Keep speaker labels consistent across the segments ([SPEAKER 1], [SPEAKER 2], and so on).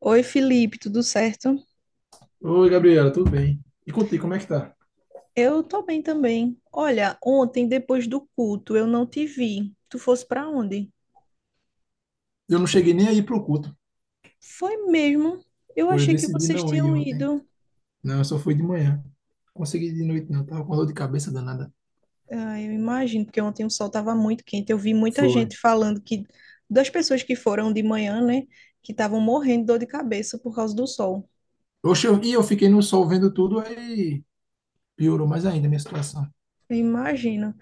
[SPEAKER 1] Oi, Felipe, tudo certo?
[SPEAKER 2] Oi, Gabriela, tudo bem? E contigo, como é que tá?
[SPEAKER 1] Eu tô bem também. Olha, ontem, depois do culto, eu não te vi. Tu fosse pra onde?
[SPEAKER 2] Eu não cheguei nem aí pro culto.
[SPEAKER 1] Foi mesmo. Eu
[SPEAKER 2] Pô, eu
[SPEAKER 1] achei que
[SPEAKER 2] decidi
[SPEAKER 1] vocês
[SPEAKER 2] não ir
[SPEAKER 1] tinham
[SPEAKER 2] ontem.
[SPEAKER 1] ido.
[SPEAKER 2] Não, eu só fui de manhã. Consegui de noite, não. Tava com dor de cabeça danada.
[SPEAKER 1] Ah, eu imagino, porque ontem o sol tava muito quente. Eu vi muita
[SPEAKER 2] Foi.
[SPEAKER 1] gente falando que das pessoas que foram de manhã, né, que estavam morrendo de dor de cabeça por causa do sol.
[SPEAKER 2] Oxe, eu fiquei no sol vendo tudo, aí piorou mais ainda a minha situação.
[SPEAKER 1] Eu imagino.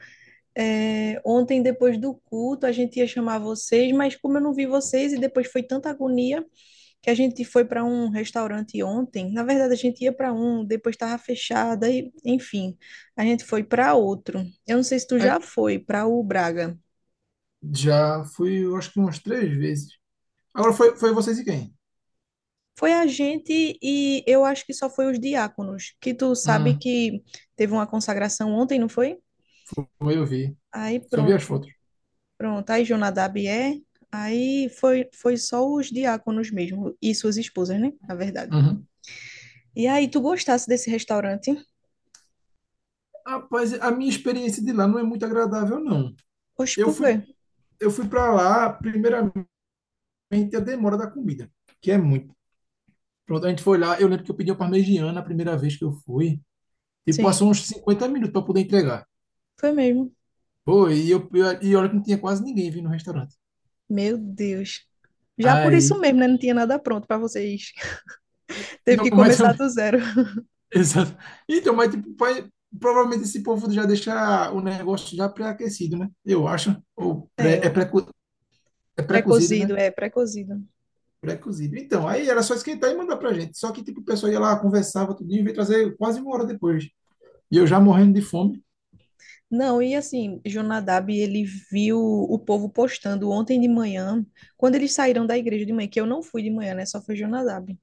[SPEAKER 1] É, ontem, depois do culto, a gente ia chamar vocês, mas como eu não vi vocês e depois foi tanta agonia. Que a gente foi para um restaurante ontem. Na verdade, a gente ia para um, depois estava fechado, e, enfim, a gente foi para outro. Eu não sei se tu
[SPEAKER 2] Aí,
[SPEAKER 1] já foi para o Braga.
[SPEAKER 2] já fui, eu acho que umas três vezes. Agora foi vocês e quem?
[SPEAKER 1] Foi a gente e eu acho que só foi os diáconos, que tu sabe
[SPEAKER 2] Hum,
[SPEAKER 1] que teve uma consagração ontem, não foi?
[SPEAKER 2] Foi, eu vi.
[SPEAKER 1] Aí
[SPEAKER 2] Só vi
[SPEAKER 1] pronto,
[SPEAKER 2] as fotos.
[SPEAKER 1] pronto. Aí Jonadab é. Aí foi só os diáconos mesmo e suas esposas, né? Na verdade.
[SPEAKER 2] Uhum.
[SPEAKER 1] E aí, tu gostasse desse restaurante?
[SPEAKER 2] Rapaz, a minha experiência de lá não é muito agradável, não.
[SPEAKER 1] Oxe,
[SPEAKER 2] Eu
[SPEAKER 1] por
[SPEAKER 2] fui,
[SPEAKER 1] quê?
[SPEAKER 2] eu fui para lá, primeiramente, a demora da comida, que é muito. Pronto, a gente foi lá. Eu lembro que eu pedi uma parmegiana a primeira vez que eu fui. E
[SPEAKER 1] Sim,
[SPEAKER 2] passou uns 50 minutos para poder entregar.
[SPEAKER 1] foi mesmo.
[SPEAKER 2] Pô, e olha que não tinha quase ninguém vindo no restaurante.
[SPEAKER 1] Meu Deus. Já por isso
[SPEAKER 2] Aí.
[SPEAKER 1] mesmo, né? Não tinha nada pronto para vocês. Teve
[SPEAKER 2] Não,
[SPEAKER 1] que
[SPEAKER 2] mas
[SPEAKER 1] começar
[SPEAKER 2] eu-
[SPEAKER 1] do zero.
[SPEAKER 2] Exato. Então, mas tipo, vai- provavelmente esse povo já deixa o negócio já pré-aquecido, né? Eu acho. Ou pré,
[SPEAKER 1] É,
[SPEAKER 2] é
[SPEAKER 1] o
[SPEAKER 2] pré, É pré-cozido,
[SPEAKER 1] pré-cozido,
[SPEAKER 2] né?
[SPEAKER 1] é, pré-cozido.
[SPEAKER 2] Pré-cozido. Então, aí era só esquentar e mandar pra gente. Só que, tipo, o pessoal ia lá, conversava, tudinho, e veio trazer quase uma hora depois. E eu já morrendo de fome.
[SPEAKER 1] Não, e assim, Jonadab, ele viu o povo postando ontem de manhã, quando eles saíram da igreja de manhã, que eu não fui de manhã, né? Só foi Jonadab.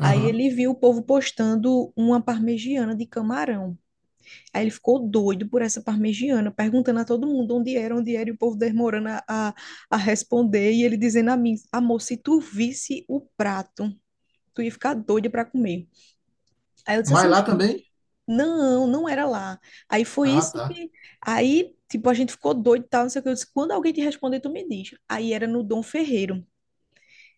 [SPEAKER 1] Aí ele viu o povo postando uma parmegiana de camarão. Aí ele ficou doido por essa parmegiana, perguntando a todo mundo onde era, e o povo demorando a responder, e ele dizendo a mim, amor, se tu visse o prato tu ia ficar doido para comer. Aí eu disse assim,
[SPEAKER 2] Mas lá
[SPEAKER 1] "Oxe,
[SPEAKER 2] também.
[SPEAKER 1] não, não era lá. Aí foi
[SPEAKER 2] Ah,
[SPEAKER 1] isso
[SPEAKER 2] tá.
[SPEAKER 1] que. Aí, tipo, a gente ficou doido e tal, não sei o que. Eu disse, quando alguém te responder, tu me diz. Aí era no Dom Ferreiro.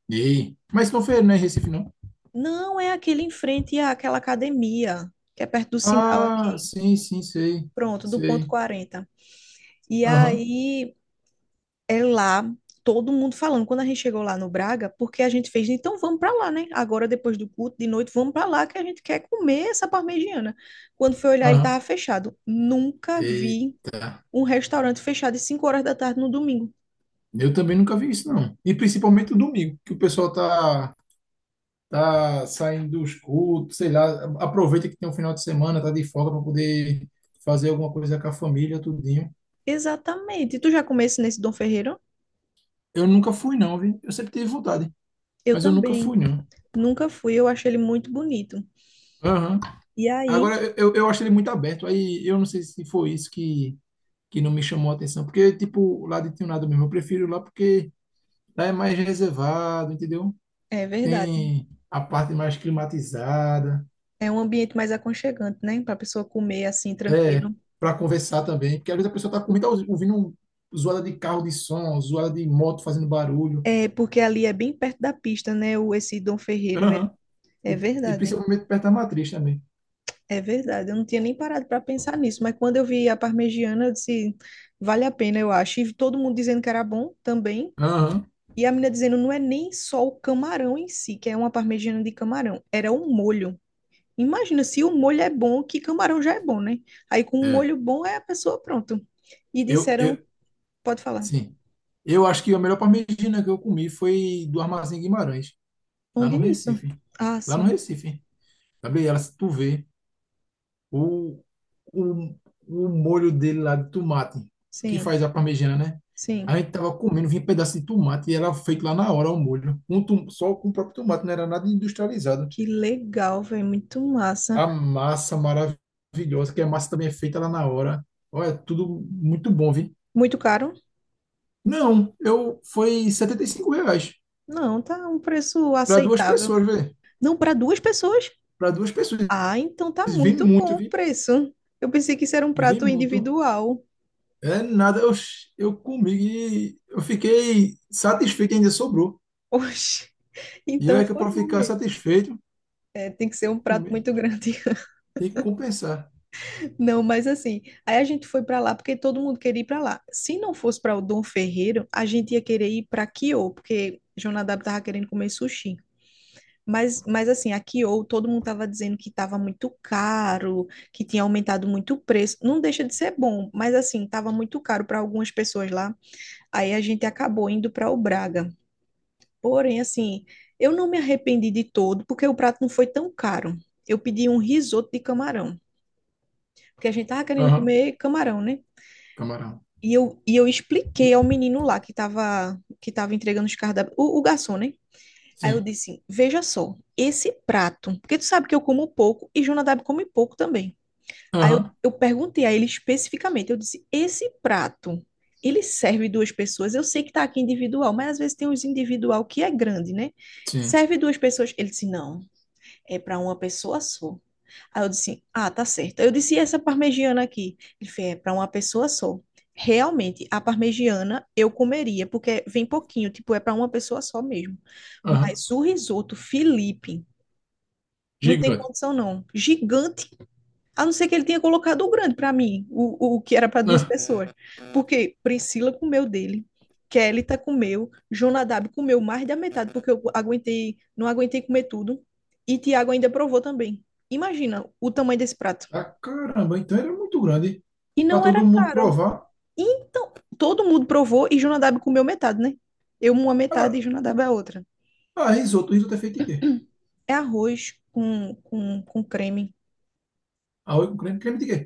[SPEAKER 2] Ei. Mas Confeiro não é em Recife, não?
[SPEAKER 1] Não, é aquele em frente àquela academia, que é perto do sinal
[SPEAKER 2] Ah,
[SPEAKER 1] aqui.
[SPEAKER 2] sim, sim, sei.
[SPEAKER 1] Pronto, do ponto
[SPEAKER 2] Sei.
[SPEAKER 1] quarenta. E
[SPEAKER 2] Aham,
[SPEAKER 1] aí é lá, todo mundo falando. Quando a gente chegou lá no Braga, porque a gente fez, então vamos para lá, né? Agora, depois do culto, de noite, vamos para lá, que a gente quer comer essa parmegiana. Quando foi olhar, ele
[SPEAKER 2] aham.
[SPEAKER 1] estava fechado. Nunca vi
[SPEAKER 2] Eita.
[SPEAKER 1] um restaurante fechado às 5 horas da tarde no domingo.
[SPEAKER 2] Eu também nunca vi isso, não. E principalmente o domingo, que o pessoal tá, tá saindo dos cultos, sei lá, aproveita que tem um final de semana, tá de folga para poder fazer alguma coisa com a família, tudinho.
[SPEAKER 1] Exatamente. Tu já comesse nesse Dom Ferreiro?
[SPEAKER 2] Eu nunca fui, não, viu? Eu sempre tive vontade,
[SPEAKER 1] Eu
[SPEAKER 2] mas eu nunca fui,
[SPEAKER 1] também.
[SPEAKER 2] não.
[SPEAKER 1] Nunca fui, eu achei ele muito bonito.
[SPEAKER 2] Aham.
[SPEAKER 1] E aí,
[SPEAKER 2] Agora, eu acho ele muito aberto, aí eu não sei se foi isso que não me chamou a atenção. Porque, tipo, lá de Tinhonada mesmo, eu prefiro lá porque lá é mais reservado, entendeu?
[SPEAKER 1] é verdade.
[SPEAKER 2] Tem a parte mais climatizada,
[SPEAKER 1] É um ambiente mais aconchegante, né? Para a pessoa comer assim,
[SPEAKER 2] é,
[SPEAKER 1] tranquilo.
[SPEAKER 2] para conversar também. Porque às vezes a pessoa tá com muita, ouvindo um- zoada de carro de som, zoada de moto fazendo barulho.
[SPEAKER 1] É, porque ali é bem perto da pista, né? O, esse Dom Ferreiro.
[SPEAKER 2] Aham.
[SPEAKER 1] É
[SPEAKER 2] E, e
[SPEAKER 1] verdade,
[SPEAKER 2] principalmente perto da matriz também.
[SPEAKER 1] é verdade. Eu não tinha nem parado para pensar nisso, mas quando eu vi a parmegiana, eu disse, vale a pena, eu acho. E todo mundo dizendo que era bom também.
[SPEAKER 2] Aham.
[SPEAKER 1] E a menina dizendo, não é nem só o camarão em si, que é uma parmegiana de camarão, era o molho. Imagina, se o molho é bom, que camarão já é bom, né? Aí com um
[SPEAKER 2] É.
[SPEAKER 1] molho bom é a pessoa pronto. E
[SPEAKER 2] Eu,
[SPEAKER 1] disseram,
[SPEAKER 2] eu,
[SPEAKER 1] pode falar,
[SPEAKER 2] sim. Eu acho que a melhor parmegiana que eu comi foi do Armazém Guimarães, lá
[SPEAKER 1] onde
[SPEAKER 2] no
[SPEAKER 1] é isso?
[SPEAKER 2] Recife.
[SPEAKER 1] Ah,
[SPEAKER 2] Lá no
[SPEAKER 1] sim,
[SPEAKER 2] Recife. Sabe? Ela, se tu vê. o, o, o molho dele lá de tomate, que
[SPEAKER 1] sim,
[SPEAKER 2] faz a parmegiana, né? A
[SPEAKER 1] sim.
[SPEAKER 2] gente tava comendo, vinha pedaço de tomate e era feito lá na hora o molho. Com tom- só com o próprio tomate, não era nada industrializado.
[SPEAKER 1] Que legal, velho, muito massa.
[SPEAKER 2] A massa maravilhosa, que a massa também é feita lá na hora. Olha, tudo muito bom, viu?
[SPEAKER 1] Muito caro?
[SPEAKER 2] Não, eu foi R$ 75
[SPEAKER 1] Não, tá um preço
[SPEAKER 2] para duas
[SPEAKER 1] aceitável.
[SPEAKER 2] pessoas, velho.
[SPEAKER 1] Não, para duas pessoas?
[SPEAKER 2] Para duas pessoas.
[SPEAKER 1] Ah, então tá
[SPEAKER 2] Vem
[SPEAKER 1] muito
[SPEAKER 2] muito,
[SPEAKER 1] bom o
[SPEAKER 2] vi.
[SPEAKER 1] preço. Eu pensei que isso era um
[SPEAKER 2] E vem
[SPEAKER 1] prato
[SPEAKER 2] muito.
[SPEAKER 1] individual.
[SPEAKER 2] É nada, eu comi e eu fiquei satisfeito, ainda sobrou.
[SPEAKER 1] Oxe,
[SPEAKER 2] E eu
[SPEAKER 1] então
[SPEAKER 2] é que
[SPEAKER 1] foi
[SPEAKER 2] para
[SPEAKER 1] bom
[SPEAKER 2] ficar
[SPEAKER 1] mesmo.
[SPEAKER 2] satisfeito,
[SPEAKER 1] É, tem que ser
[SPEAKER 2] tem
[SPEAKER 1] um
[SPEAKER 2] que
[SPEAKER 1] prato
[SPEAKER 2] comer,
[SPEAKER 1] muito grande.
[SPEAKER 2] tem que compensar.
[SPEAKER 1] Não, mas assim, aí a gente foi para lá porque todo mundo queria ir para lá. Se não fosse para o Dom Ferreiro, a gente ia querer ir para Kyo, porque Jonadab tava querendo comer sushi. Mas assim, a Kyo, todo mundo tava dizendo que tava muito caro, que tinha aumentado muito o preço. Não deixa de ser bom, mas assim, tava muito caro para algumas pessoas lá. Aí a gente acabou indo para o Braga. Porém, assim, eu não me arrependi de todo, porque o prato não foi tão caro. Eu pedi um risoto de camarão, porque a gente tava querendo
[SPEAKER 2] Aham,
[SPEAKER 1] comer camarão, né?
[SPEAKER 2] camarão.
[SPEAKER 1] E eu expliquei ao menino lá que tava, entregando os cardápios, o garçom, né? Aí eu
[SPEAKER 2] Sim.
[SPEAKER 1] disse, veja só, esse prato, porque tu sabe que eu como pouco e Jonadab come pouco também. Aí eu,
[SPEAKER 2] Aham,
[SPEAKER 1] eu perguntei a ele especificamente, eu disse, esse prato, ele serve duas pessoas? Eu sei que tá aqui individual, mas às vezes tem uns individual que é grande, né?
[SPEAKER 2] sim.
[SPEAKER 1] Serve duas pessoas? Ele disse, não, é para uma pessoa só. Aí eu disse, ah, tá certo. Eu disse, e essa parmegiana aqui? Ele fez, é para uma pessoa só. Realmente, a parmegiana eu comeria, porque vem pouquinho, tipo, é para uma pessoa só mesmo.
[SPEAKER 2] Aham,
[SPEAKER 1] Mas o risoto, Felipe, não tem
[SPEAKER 2] gigante.
[SPEAKER 1] condição não. Gigante a não ser que ele tenha colocado o grande para mim, o que era para duas
[SPEAKER 2] Ah,
[SPEAKER 1] pessoas. Porque Priscila comeu dele, Kelly tá comeu, Jonadab comeu mais da metade, porque eu aguentei, não aguentei comer tudo. E Tiago ainda provou também. Imagina o tamanho desse prato.
[SPEAKER 2] ah, caramba, então era muito grande
[SPEAKER 1] E
[SPEAKER 2] para
[SPEAKER 1] não era
[SPEAKER 2] todo mundo
[SPEAKER 1] caro.
[SPEAKER 2] provar.
[SPEAKER 1] Então, todo mundo provou e Jonadab comeu metade, né? Eu uma metade
[SPEAKER 2] Agora,
[SPEAKER 1] e Jonadab a outra.
[SPEAKER 2] ah, risoto é feito de quê?
[SPEAKER 1] É arroz com creme,
[SPEAKER 2] Arroz com creme, creme de quê?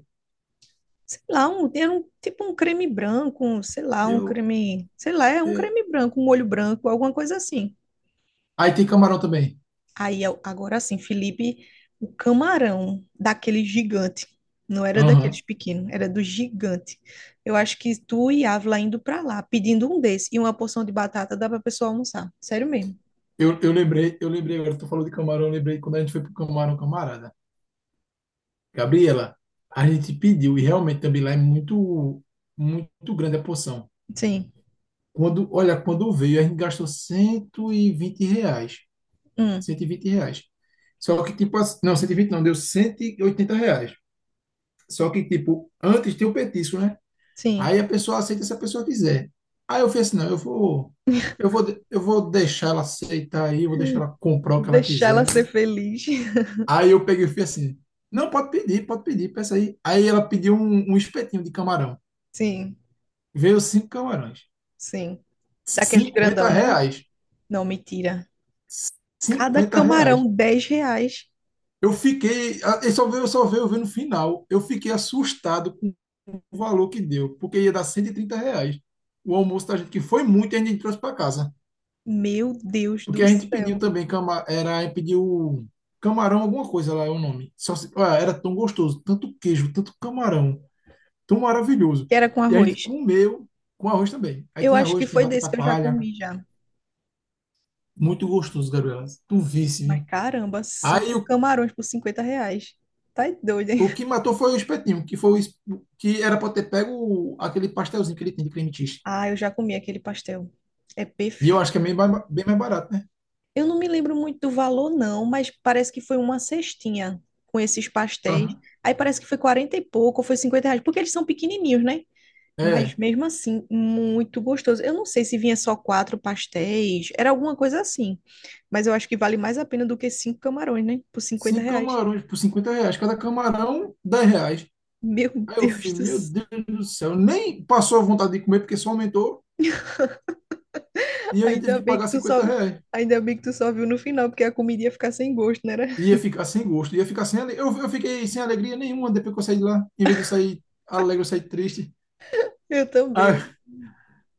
[SPEAKER 1] sei lá, tipo um creme branco, um, sei lá, um
[SPEAKER 2] Eu,
[SPEAKER 1] creme, sei lá, é um
[SPEAKER 2] eu-
[SPEAKER 1] creme branco, um molho branco, alguma coisa assim.
[SPEAKER 2] Aí tem camarão também.
[SPEAKER 1] Aí, agora sim, Felipe, o camarão daquele gigante, não era daqueles
[SPEAKER 2] Aham.
[SPEAKER 1] pequenos, era do gigante. Eu acho que tu e Ávila indo pra lá, pedindo um desse e uma porção de batata, dá pra pessoa almoçar, sério mesmo.
[SPEAKER 2] Eu lembrei agora, tu falou de camarão, eu lembrei quando a gente foi pro camarão, camarada. Gabriela, a gente pediu e realmente também lá é muito, muito grande a porção.
[SPEAKER 1] Sim,
[SPEAKER 2] Quando, olha, quando veio, a gente gastou R$ 120.
[SPEAKER 1] hum,
[SPEAKER 2] R$ 120. Só que, tipo, assim- não, 120 não, deu R$ 180. Só que, tipo, antes tem o petisco, né?
[SPEAKER 1] sim,
[SPEAKER 2] Aí a pessoa aceita se a pessoa quiser. Aí eu fiz assim, não, eu vou deixar ela aceitar aí, eu vou deixar ela comprar o que ela
[SPEAKER 1] deixar ela
[SPEAKER 2] quiser.
[SPEAKER 1] ser feliz.
[SPEAKER 2] Aí eu peguei e fui assim, não, pode pedir, peça aí. Aí ela pediu um espetinho de camarão.
[SPEAKER 1] Sim,
[SPEAKER 2] Veio cinco camarões.
[SPEAKER 1] sim. Daqueles
[SPEAKER 2] cinquenta
[SPEAKER 1] grandão, não era?
[SPEAKER 2] reais.
[SPEAKER 1] Não, mentira. Cada
[SPEAKER 2] cinquenta
[SPEAKER 1] camarão,
[SPEAKER 2] reais.
[SPEAKER 1] R$ 10.
[SPEAKER 2] Eu fiquei, a- eu só veio ver no final. Eu fiquei assustado com o valor que deu, porque ia dar R$ 130 o almoço da gente, que foi muito e a gente trouxe para casa.
[SPEAKER 1] Meu Deus
[SPEAKER 2] Porque
[SPEAKER 1] do
[SPEAKER 2] a gente pediu
[SPEAKER 1] céu.
[SPEAKER 2] também, cama, era, a gente pediu camarão, alguma coisa lá, é o nome. Só, se- ah, era tão gostoso, tanto queijo, tanto camarão, tão maravilhoso.
[SPEAKER 1] Que era com
[SPEAKER 2] E a gente
[SPEAKER 1] arroz.
[SPEAKER 2] comeu com arroz também. Aí
[SPEAKER 1] Eu
[SPEAKER 2] tinha
[SPEAKER 1] acho que
[SPEAKER 2] arroz, tinha
[SPEAKER 1] foi desse
[SPEAKER 2] batata
[SPEAKER 1] que eu já
[SPEAKER 2] palha,
[SPEAKER 1] comi já.
[SPEAKER 2] muito gostoso, Gabriela. Tu visse,
[SPEAKER 1] Mas
[SPEAKER 2] vi.
[SPEAKER 1] caramba,
[SPEAKER 2] Aí
[SPEAKER 1] cinco
[SPEAKER 2] o.
[SPEAKER 1] camarões por R$ 50. Tá doido, hein?
[SPEAKER 2] O que matou foi o espetinho, que foi o es- que era para ter pego o- aquele pastelzinho que ele tem de creme cheese.
[SPEAKER 1] Ah, eu já comi aquele pastel. É
[SPEAKER 2] E eu
[SPEAKER 1] perfeito.
[SPEAKER 2] acho que é bem, ba- bem mais barato, né?
[SPEAKER 1] Eu não me lembro muito do valor, não, mas parece que foi uma cestinha com esses pastéis.
[SPEAKER 2] Aham.
[SPEAKER 1] Aí parece que foi 40 e pouco, ou foi R$ 50, porque eles são pequenininhos, né? Mas
[SPEAKER 2] É,
[SPEAKER 1] mesmo assim, muito gostoso. Eu não sei se vinha só quatro pastéis, era alguma coisa assim. Mas eu acho que vale mais a pena do que cinco camarões, né? Por 50
[SPEAKER 2] cinco
[SPEAKER 1] reais.
[SPEAKER 2] camarões por R$ 50. Cada camarão, R$ 10.
[SPEAKER 1] Meu
[SPEAKER 2] Aí eu
[SPEAKER 1] Deus
[SPEAKER 2] fui,
[SPEAKER 1] do
[SPEAKER 2] meu
[SPEAKER 1] céu.
[SPEAKER 2] Deus do céu, nem passou a vontade de comer porque só aumentou e eu ainda tive
[SPEAKER 1] Ainda
[SPEAKER 2] que
[SPEAKER 1] bem que
[SPEAKER 2] pagar
[SPEAKER 1] tu só,
[SPEAKER 2] R$ 50.
[SPEAKER 1] ainda bem que tu só viu no final, porque a comida ia ficar sem gosto, né?
[SPEAKER 2] Ia ficar sem gosto, ia ficar sem ale... eu fiquei sem alegria nenhuma depois que eu saí de lá. Em vez de sair alegre, eu saí triste.
[SPEAKER 1] Eu também.
[SPEAKER 2] Ah,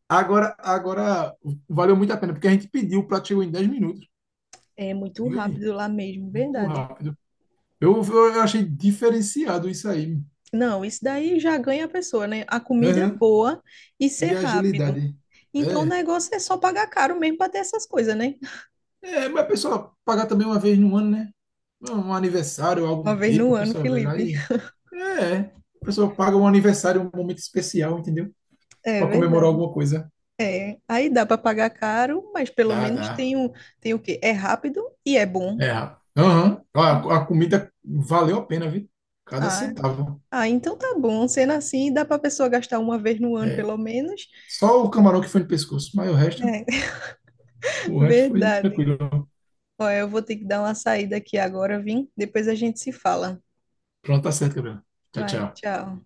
[SPEAKER 2] agora valeu muito a pena, porque a gente pediu, o prato chegou em 10 minutos.
[SPEAKER 1] É muito
[SPEAKER 2] Diga aí.
[SPEAKER 1] rápido lá mesmo,
[SPEAKER 2] Muito
[SPEAKER 1] verdade.
[SPEAKER 2] rápido. Eu achei diferenciado isso aí.
[SPEAKER 1] Não, isso daí já ganha a pessoa, né? A comida é
[SPEAKER 2] Aham.
[SPEAKER 1] boa e ser
[SPEAKER 2] E a
[SPEAKER 1] rápido.
[SPEAKER 2] agilidade.
[SPEAKER 1] Então o
[SPEAKER 2] É.
[SPEAKER 1] negócio é só pagar caro mesmo para ter essas coisas, né?
[SPEAKER 2] É, mas a pessoa pagar também uma vez no ano, né? Um aniversário, algo
[SPEAKER 1] Uma
[SPEAKER 2] do
[SPEAKER 1] vez
[SPEAKER 2] tipo,
[SPEAKER 1] no
[SPEAKER 2] a
[SPEAKER 1] ano,
[SPEAKER 2] pessoa vai lá
[SPEAKER 1] Felipe.
[SPEAKER 2] e. É. A pessoa paga um aniversário, um momento especial, entendeu?
[SPEAKER 1] É
[SPEAKER 2] Para comemorar
[SPEAKER 1] verdade.
[SPEAKER 2] alguma coisa.
[SPEAKER 1] É, aí dá para pagar caro, mas pelo
[SPEAKER 2] Dá,
[SPEAKER 1] menos
[SPEAKER 2] dá.
[SPEAKER 1] tem o quê? É rápido e é bom.
[SPEAKER 2] É. Aham. A comida valeu a pena, viu? Cada
[SPEAKER 1] Ah,
[SPEAKER 2] centavo.
[SPEAKER 1] ah, então tá bom. Sendo assim, dá para pessoa gastar uma vez no ano,
[SPEAKER 2] É.
[SPEAKER 1] pelo menos.
[SPEAKER 2] Só o camarão que foi no pescoço, mas o resto,
[SPEAKER 1] É,
[SPEAKER 2] o resto foi
[SPEAKER 1] verdade.
[SPEAKER 2] tranquilo.
[SPEAKER 1] Ó, eu vou ter que dar uma saída aqui agora, vim. Depois a gente se fala.
[SPEAKER 2] Pronto, tá certo, Gabriel. Tchau,
[SPEAKER 1] Vai,
[SPEAKER 2] tchau.
[SPEAKER 1] tchau.